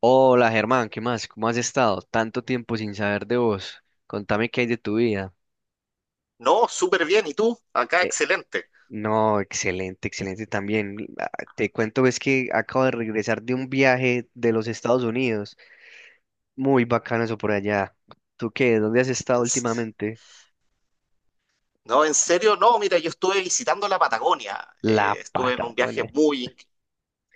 Hola Germán, ¿qué más? ¿Cómo has estado? Tanto tiempo sin saber de vos. Contame qué hay de tu vida. No, súper bien. ¿Y tú? Acá, Eh, excelente. no, excelente, excelente también. Ah, te cuento, es que acabo de regresar de un viaje de los Estados Unidos. Muy bacano eso por allá. ¿Tú qué? ¿Dónde has estado En s- últimamente? No, en serio, no. Mira, yo estuve visitando la Patagonia. La Estuve en un viaje Patagonia. muy.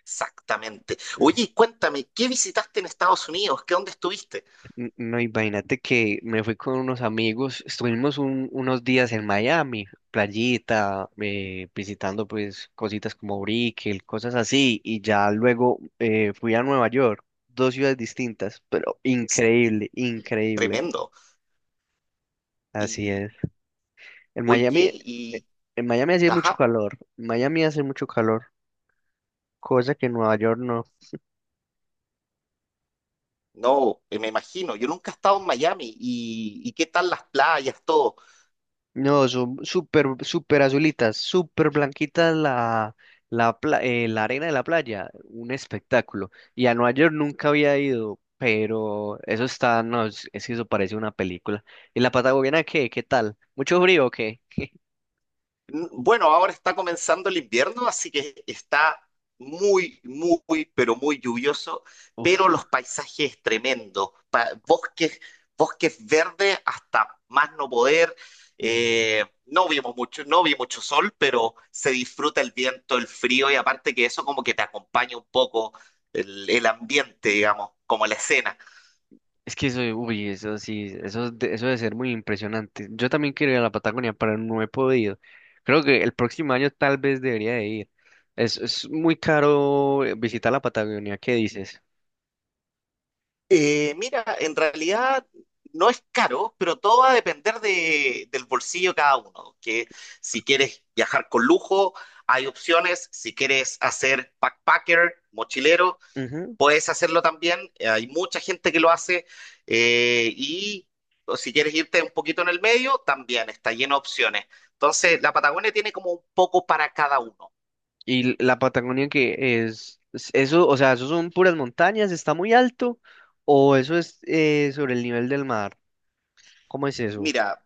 Exactamente. Oye, y cuéntame, ¿qué visitaste en Estados Unidos? ¿Qué dónde estuviste? No, imagínate que me fui con unos amigos, estuvimos unos días en Miami, playita, visitando pues cositas como Brickell, cosas así, y ya luego fui a Nueva York, dos ciudades distintas, pero S- increíble, increíble, Tremendo. así Y, es. En oye, Miami, eh, y... en Miami hacía mucho Ajá, calor, en Miami hace mucho calor, cosa que en Nueva York no. no, me imagino. Yo nunca he estado en Miami. ¿Y qué tal las playas, todo? No, son súper, súper azulitas, súper blanquitas la arena de la playa, un espectáculo. Y a Nueva York nunca había ido, pero eso está, no, es que eso parece una película. ¿Y la Patagonia qué? ¿Qué tal? ¿Mucho frío o qué? Bueno, ahora está comenzando el invierno, así que está muy, muy, pero muy lluvioso, Uf, pero los paisajes tremendos, bosques, bosques verdes hasta más no poder. mm, No vimos mucho, no vi mucho sol, pero se disfruta el viento, el frío y aparte que eso como que te acompaña un poco el ambiente, digamos, como la escena. es que eso, uy, eso sí, eso, eso debe ser muy impresionante. Yo también quiero ir a la Patagonia, pero no he podido. Creo que el próximo año tal vez debería de ir. Es muy caro, visitar la Patagonia, ¿qué dices? Mira, en realidad no es caro, pero todo va a depender del bolsillo de cada uno. Que si quieres viajar con lujo, hay opciones. Si quieres hacer backpacker, mochilero, Ujú. puedes hacerlo también. Hay mucha gente que lo hace. Y o si quieres irte un poquito en el medio, también está lleno de opciones. Entonces, la Patagonia tiene como un poco para cada uno. Y la Patagonia que es, eso, o sea, eso son puras montañas, está muy alto, o eso es, sobre el nivel del mar. ¿Cómo es eso? Mira,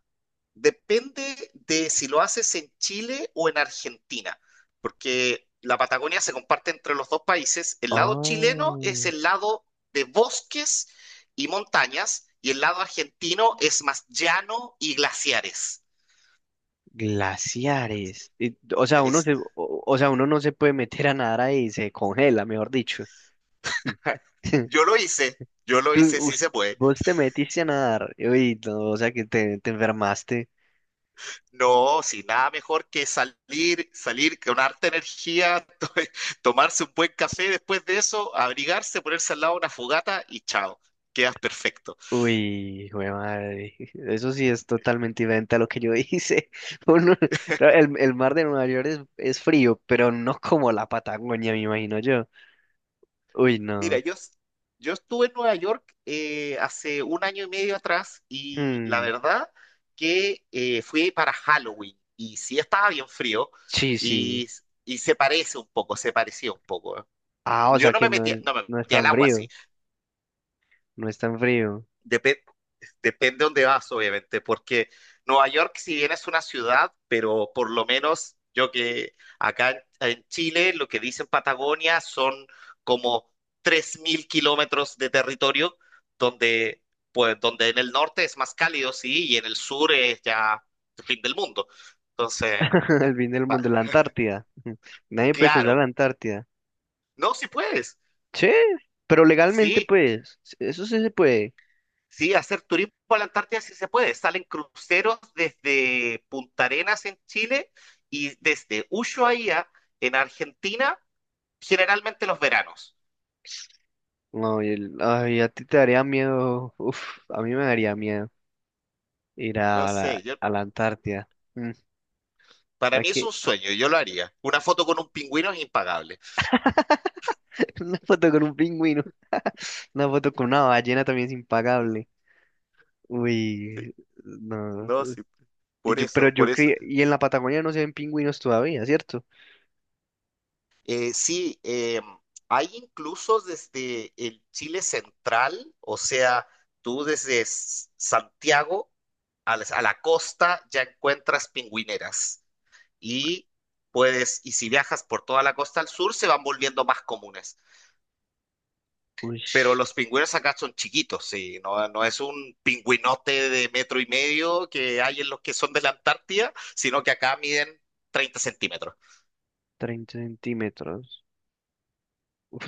depende de si lo haces en Chile o en Argentina, porque la Patagonia se comparte entre los dos países. El lado Ah, chileno es el lado de bosques y montañas, y el lado argentino es más llano y glaciares. glaciares. Y, o sea, Es, o sea, uno no se puede meter a nadar ahí, se congela, mejor dicho. yo lo hice, yo lo Tú, hice, sí us- se puede. Vos te metiste a nadar, uy, no, o sea que te enfermaste. No, si nada mejor que salir, salir con harta energía, tomarse un buen café después de eso, abrigarse, ponerse al lado de una fogata y chao, quedas perfecto. Uy, güey, madre. Eso sí es totalmente diferente a lo que yo hice. Uno- claro, el mar de Nueva York es frío, pero no como la Patagonia, me imagino yo. Uy, Mira, no. yo estuve en Nueva York hace un año y medio atrás y la Hmm, verdad que fui para Halloween y sí estaba bien frío sí, sí. y, y se parece un poco, se parecía un poco. ¿Eh? Ah, o Yo sea no que me no, metía, no me no es metía al tan agua, sí. frío. No es tan frío. Depende, depende dónde vas, obviamente, porque Nueva York, si bien es una ciudad, pero por lo menos yo que acá en Chile, lo que dicen Patagonia son como 3.000 kilómetros de territorio, donde, pues, donde en el norte es más cálido, sí, y en el sur es ya el fin del mundo. Entonces, El fin del mundo, la Antártida. Nadie puede cruzar claro, la Antártida. no, si puedes, Sí, pero legalmente, sí. pues, eso sí se puede. Sí, hacer turismo a la Antártida sí se puede. Salen cruceros desde Punta Arenas en Chile y desde Ushuaia en Argentina, generalmente los veranos. No, ay, a ti te daría miedo. Uf, a mí me daría miedo. Ir No a la, sé, yo, a la Antártida. Mm, para mí es aquí, un sueño, yo lo haría. Una foto con un pingüino es impagable. una foto con un pingüino. Una foto con una ballena también es impagable. Sí, Uy, no. no, sí, Y por yo, pero eso, por yo eso. creo, y en la Patagonia no se ven pingüinos todavía, ¿cierto? Sí, hay incluso desde el Chile central, o sea, tú desde Santiago a la costa ya encuentras pingüineras. Y puedes, y si viajas por toda la costa al sur, se van volviendo más comunes. Uy, Pero los pingüinos acá son chiquitos, sí, no, no es un pingüinote de metro y medio que hay en los que son de la Antártida, sino que acá miden 30 centímetros. 30 centímetros. Uf,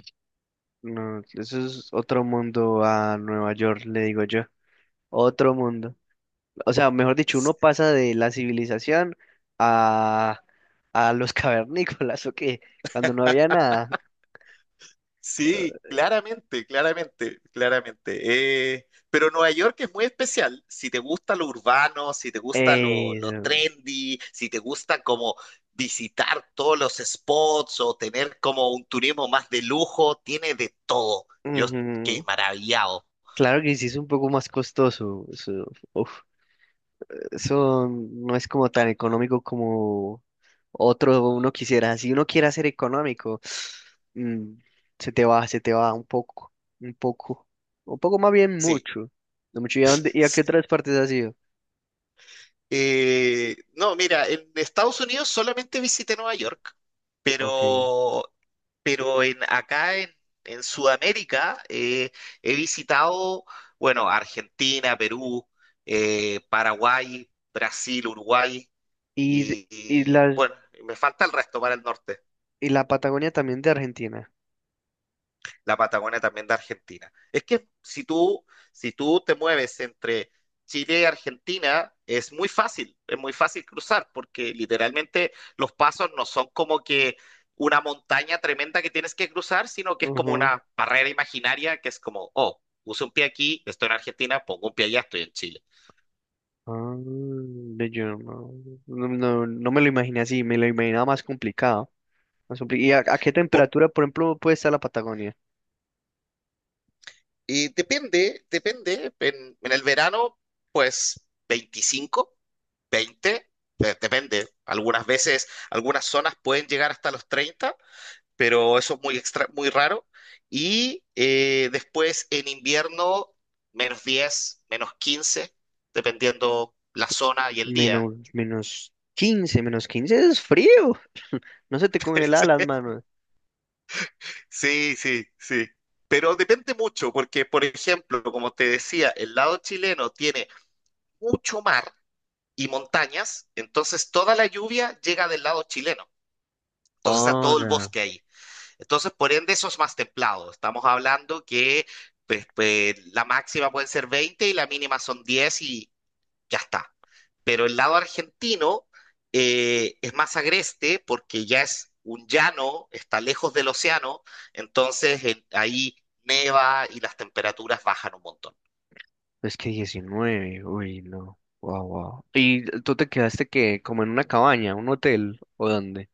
no, eso es otro mundo a Nueva York, le digo yo. Otro mundo. O sea, mejor dicho, uno pasa de la civilización, a, a los cavernícolas, ¿o qué? Cuando no había nada. Sí, claramente, claramente, claramente. Pero Nueva York es muy especial. Si te gusta lo urbano, si te gusta lo, Eh, lo trendy, si te gusta como visitar todos los spots o tener como un turismo más de lujo, tiene de todo. Yo quedé Ujú. maravillado. Claro que sí es un poco más costoso. Eso, uf, eso no es como tan económico como otro uno quisiera. Si uno quiere ser económico, mm, se te va un poco, un poco, un poco más bien Sí. mucho. No mucho. Y a qué otras partes has ido? No, mira, en Estados Unidos solamente visité Nueva York, Ok. pero, pero acá en Sudamérica he visitado, bueno, Argentina, Perú, Paraguay, Brasil, Uruguay Y, de- y, y y, las, bueno, me falta el resto para el norte. y la Patagonia también de Argentina. La Patagonia también de Argentina. Es que si tú te mueves entre Chile y Argentina, es muy fácil cruzar, porque literalmente los pasos no son como que una montaña tremenda que tienes que cruzar, sino que es como Ujú. una barrera imaginaria que es como, oh, uso un pie aquí, estoy en Argentina, pongo un pie allá, estoy en Chile. Ah, ve, yo no me lo imaginé así, me lo imaginaba más complicado. ¿Y a qué Por, temperatura, por ejemplo, puede estar la Patagonia? Y depende, depende. En el verano, pues 25, 20, depende. Algunas veces, algunas zonas pueden llegar hasta los 30, pero eso es muy extra, muy raro. Y después en invierno, -10, -15, dependiendo la zona y el día. -15 es frío. No se te congela las manos. Sí, sí, sí. Pero depende mucho, porque, por ejemplo, como te decía, el lado chileno tiene mucho mar y montañas, entonces toda la lluvia llega del lado chileno. Entonces está todo el Ahora, bosque ahí. Entonces, por ende, eso es más templado. Estamos hablando que pues, pues, la máxima puede ser 20 y la mínima son 10 y ya está. Pero el lado argentino es más agreste porque ya es un llano, está lejos del océano, entonces ahí neva y las temperaturas bajan un montón. es que 19, uy, no. Wow, wow. ¿Y tú te quedaste que como en una cabaña, un hotel o dónde?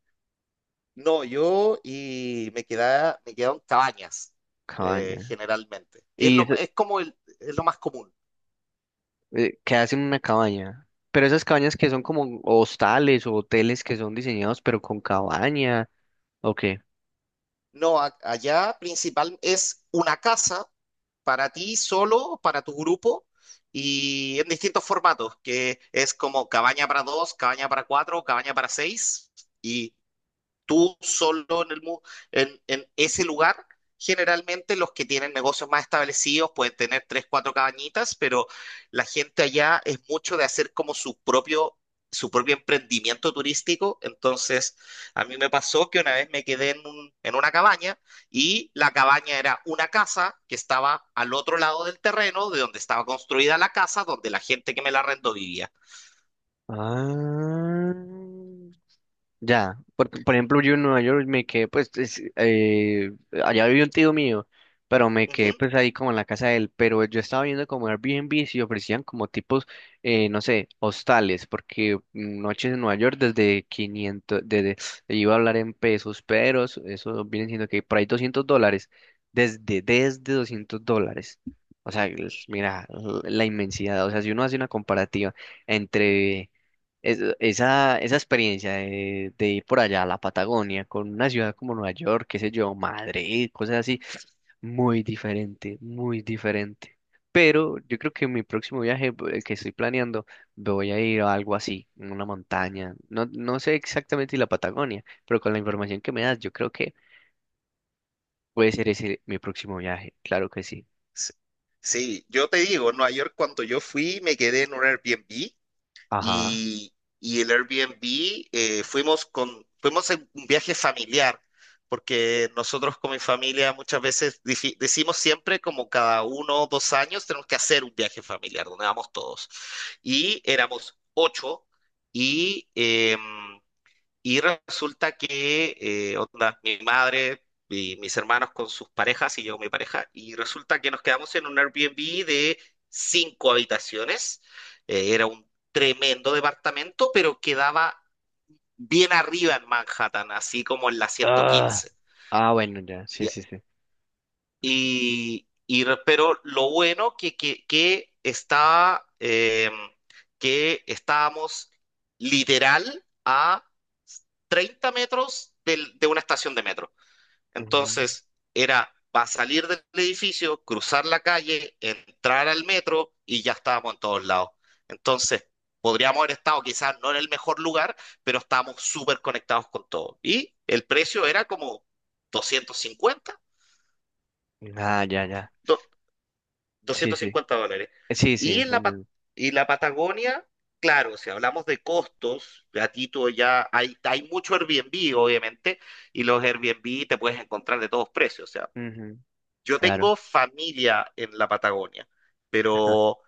No, yo me quedaron cabañas, Cabaña. generalmente, que es Y lo, es como el, es lo más común. Quedaste en una cabaña. Pero esas cabañas que son como hostales o hoteles que son diseñados pero con cabaña, ¿o qué? No, allá principal es una casa para ti solo, para tu grupo, y en distintos formatos, que es como cabaña para dos, cabaña para cuatro, cabaña para seis, y tú solo en, el, mu- en ese lugar. Generalmente los que tienen negocios más establecidos pueden tener tres, cuatro cabañitas, pero la gente allá es mucho de hacer como su propio, emprendimiento turístico. Entonces, a mí me pasó que una vez me quedé en una cabaña y la cabaña era una casa que estaba al otro lado del terreno de donde estaba construida la casa, donde la gente que me la arrendó vivía. Ah. Ya, por ejemplo, yo en Nueva York me quedé, pues, allá vivió un tío mío, pero me quedé, pues, ahí como en la casa de él, pero yo estaba viendo como Airbnb y ofrecían como tipos, no sé, hostales, porque noches en Nueva York desde quinientos, iba a hablar en pesos, pero eso viene siendo que por ahí US$200, desde US$200. O sea, mira, la inmensidad, o sea, si uno hace una comparativa entre esa experiencia de ir por allá a la Patagonia con una ciudad como Nueva York, qué sé yo, Madrid, cosas así, muy diferente, muy diferente. Pero yo creo que en mi próximo viaje, el que estoy planeando, voy a ir a algo así, en una montaña. No, no sé exactamente si la Patagonia, pero con la información que me das, yo creo que puede ser ese mi próximo viaje, claro que sí. Sí, sí, yo te digo, en Nueva York cuando yo fui me quedé en un Airbnb Ajá. y, y el Airbnb fuimos en un viaje familiar, porque nosotros con mi familia muchas veces decimos siempre como cada uno o dos años tenemos que hacer un viaje familiar, donde vamos todos. Y éramos ocho y... em, y resulta que, onda, mi madre y mis hermanos con sus parejas y yo con mi pareja, y resulta que nos quedamos en un Airbnb de cinco habitaciones. Era un tremendo departamento, pero quedaba bien arriba en Manhattan, así como en la Ah, 115. ah, bueno, ya, sí, sí, sí. Pero lo bueno que estábamos literal a 30 metros de una estación de metro. Entonces, era para salir del edificio, cruzar la calle, entrar al metro y ya estábamos en todos lados. Entonces, podríamos haber estado quizás no en el mejor lugar, pero estábamos súper conectados con todo. Y el precio era como 250 Ujú. Ah, ya, ya. Sí, doscientos sí. cincuenta dólares. Sí, sí, Y en eso la, Pa- mismo. y la Patagonia, claro, si hablamos de costos, a ti tú ya hay mucho Airbnb, obviamente, y los Airbnb te puedes encontrar de todos precios. O sea, Ujú, yo claro. tengo familia en la Patagonia, pero,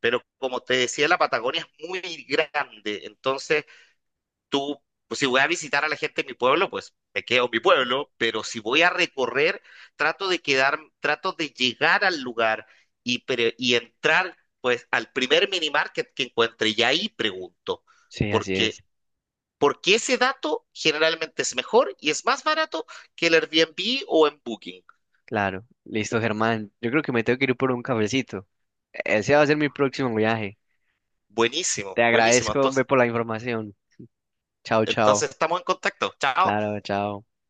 pero como te decía, la Patagonia es muy grande, entonces tú, pues si voy a visitar a la gente en mi pueblo, pues me quedo en mi pueblo, pero si voy a recorrer, trato de quedar, trato de llegar al lugar y entrar, pues, al primer mini market que encuentre y ahí pregunto, Sí, así es. porque, porque ese dato generalmente es mejor y es más barato que el Airbnb o en Booking. Claro. Listo, Germán. Yo creo que me tengo que ir por un cafecito. Ese va a ser mi próximo viaje. Buenísimo, Te buenísimo. agradezco, hombre, Entonces, por la información. Chao, chao. Estamos en contacto. Chao. Claro, chao.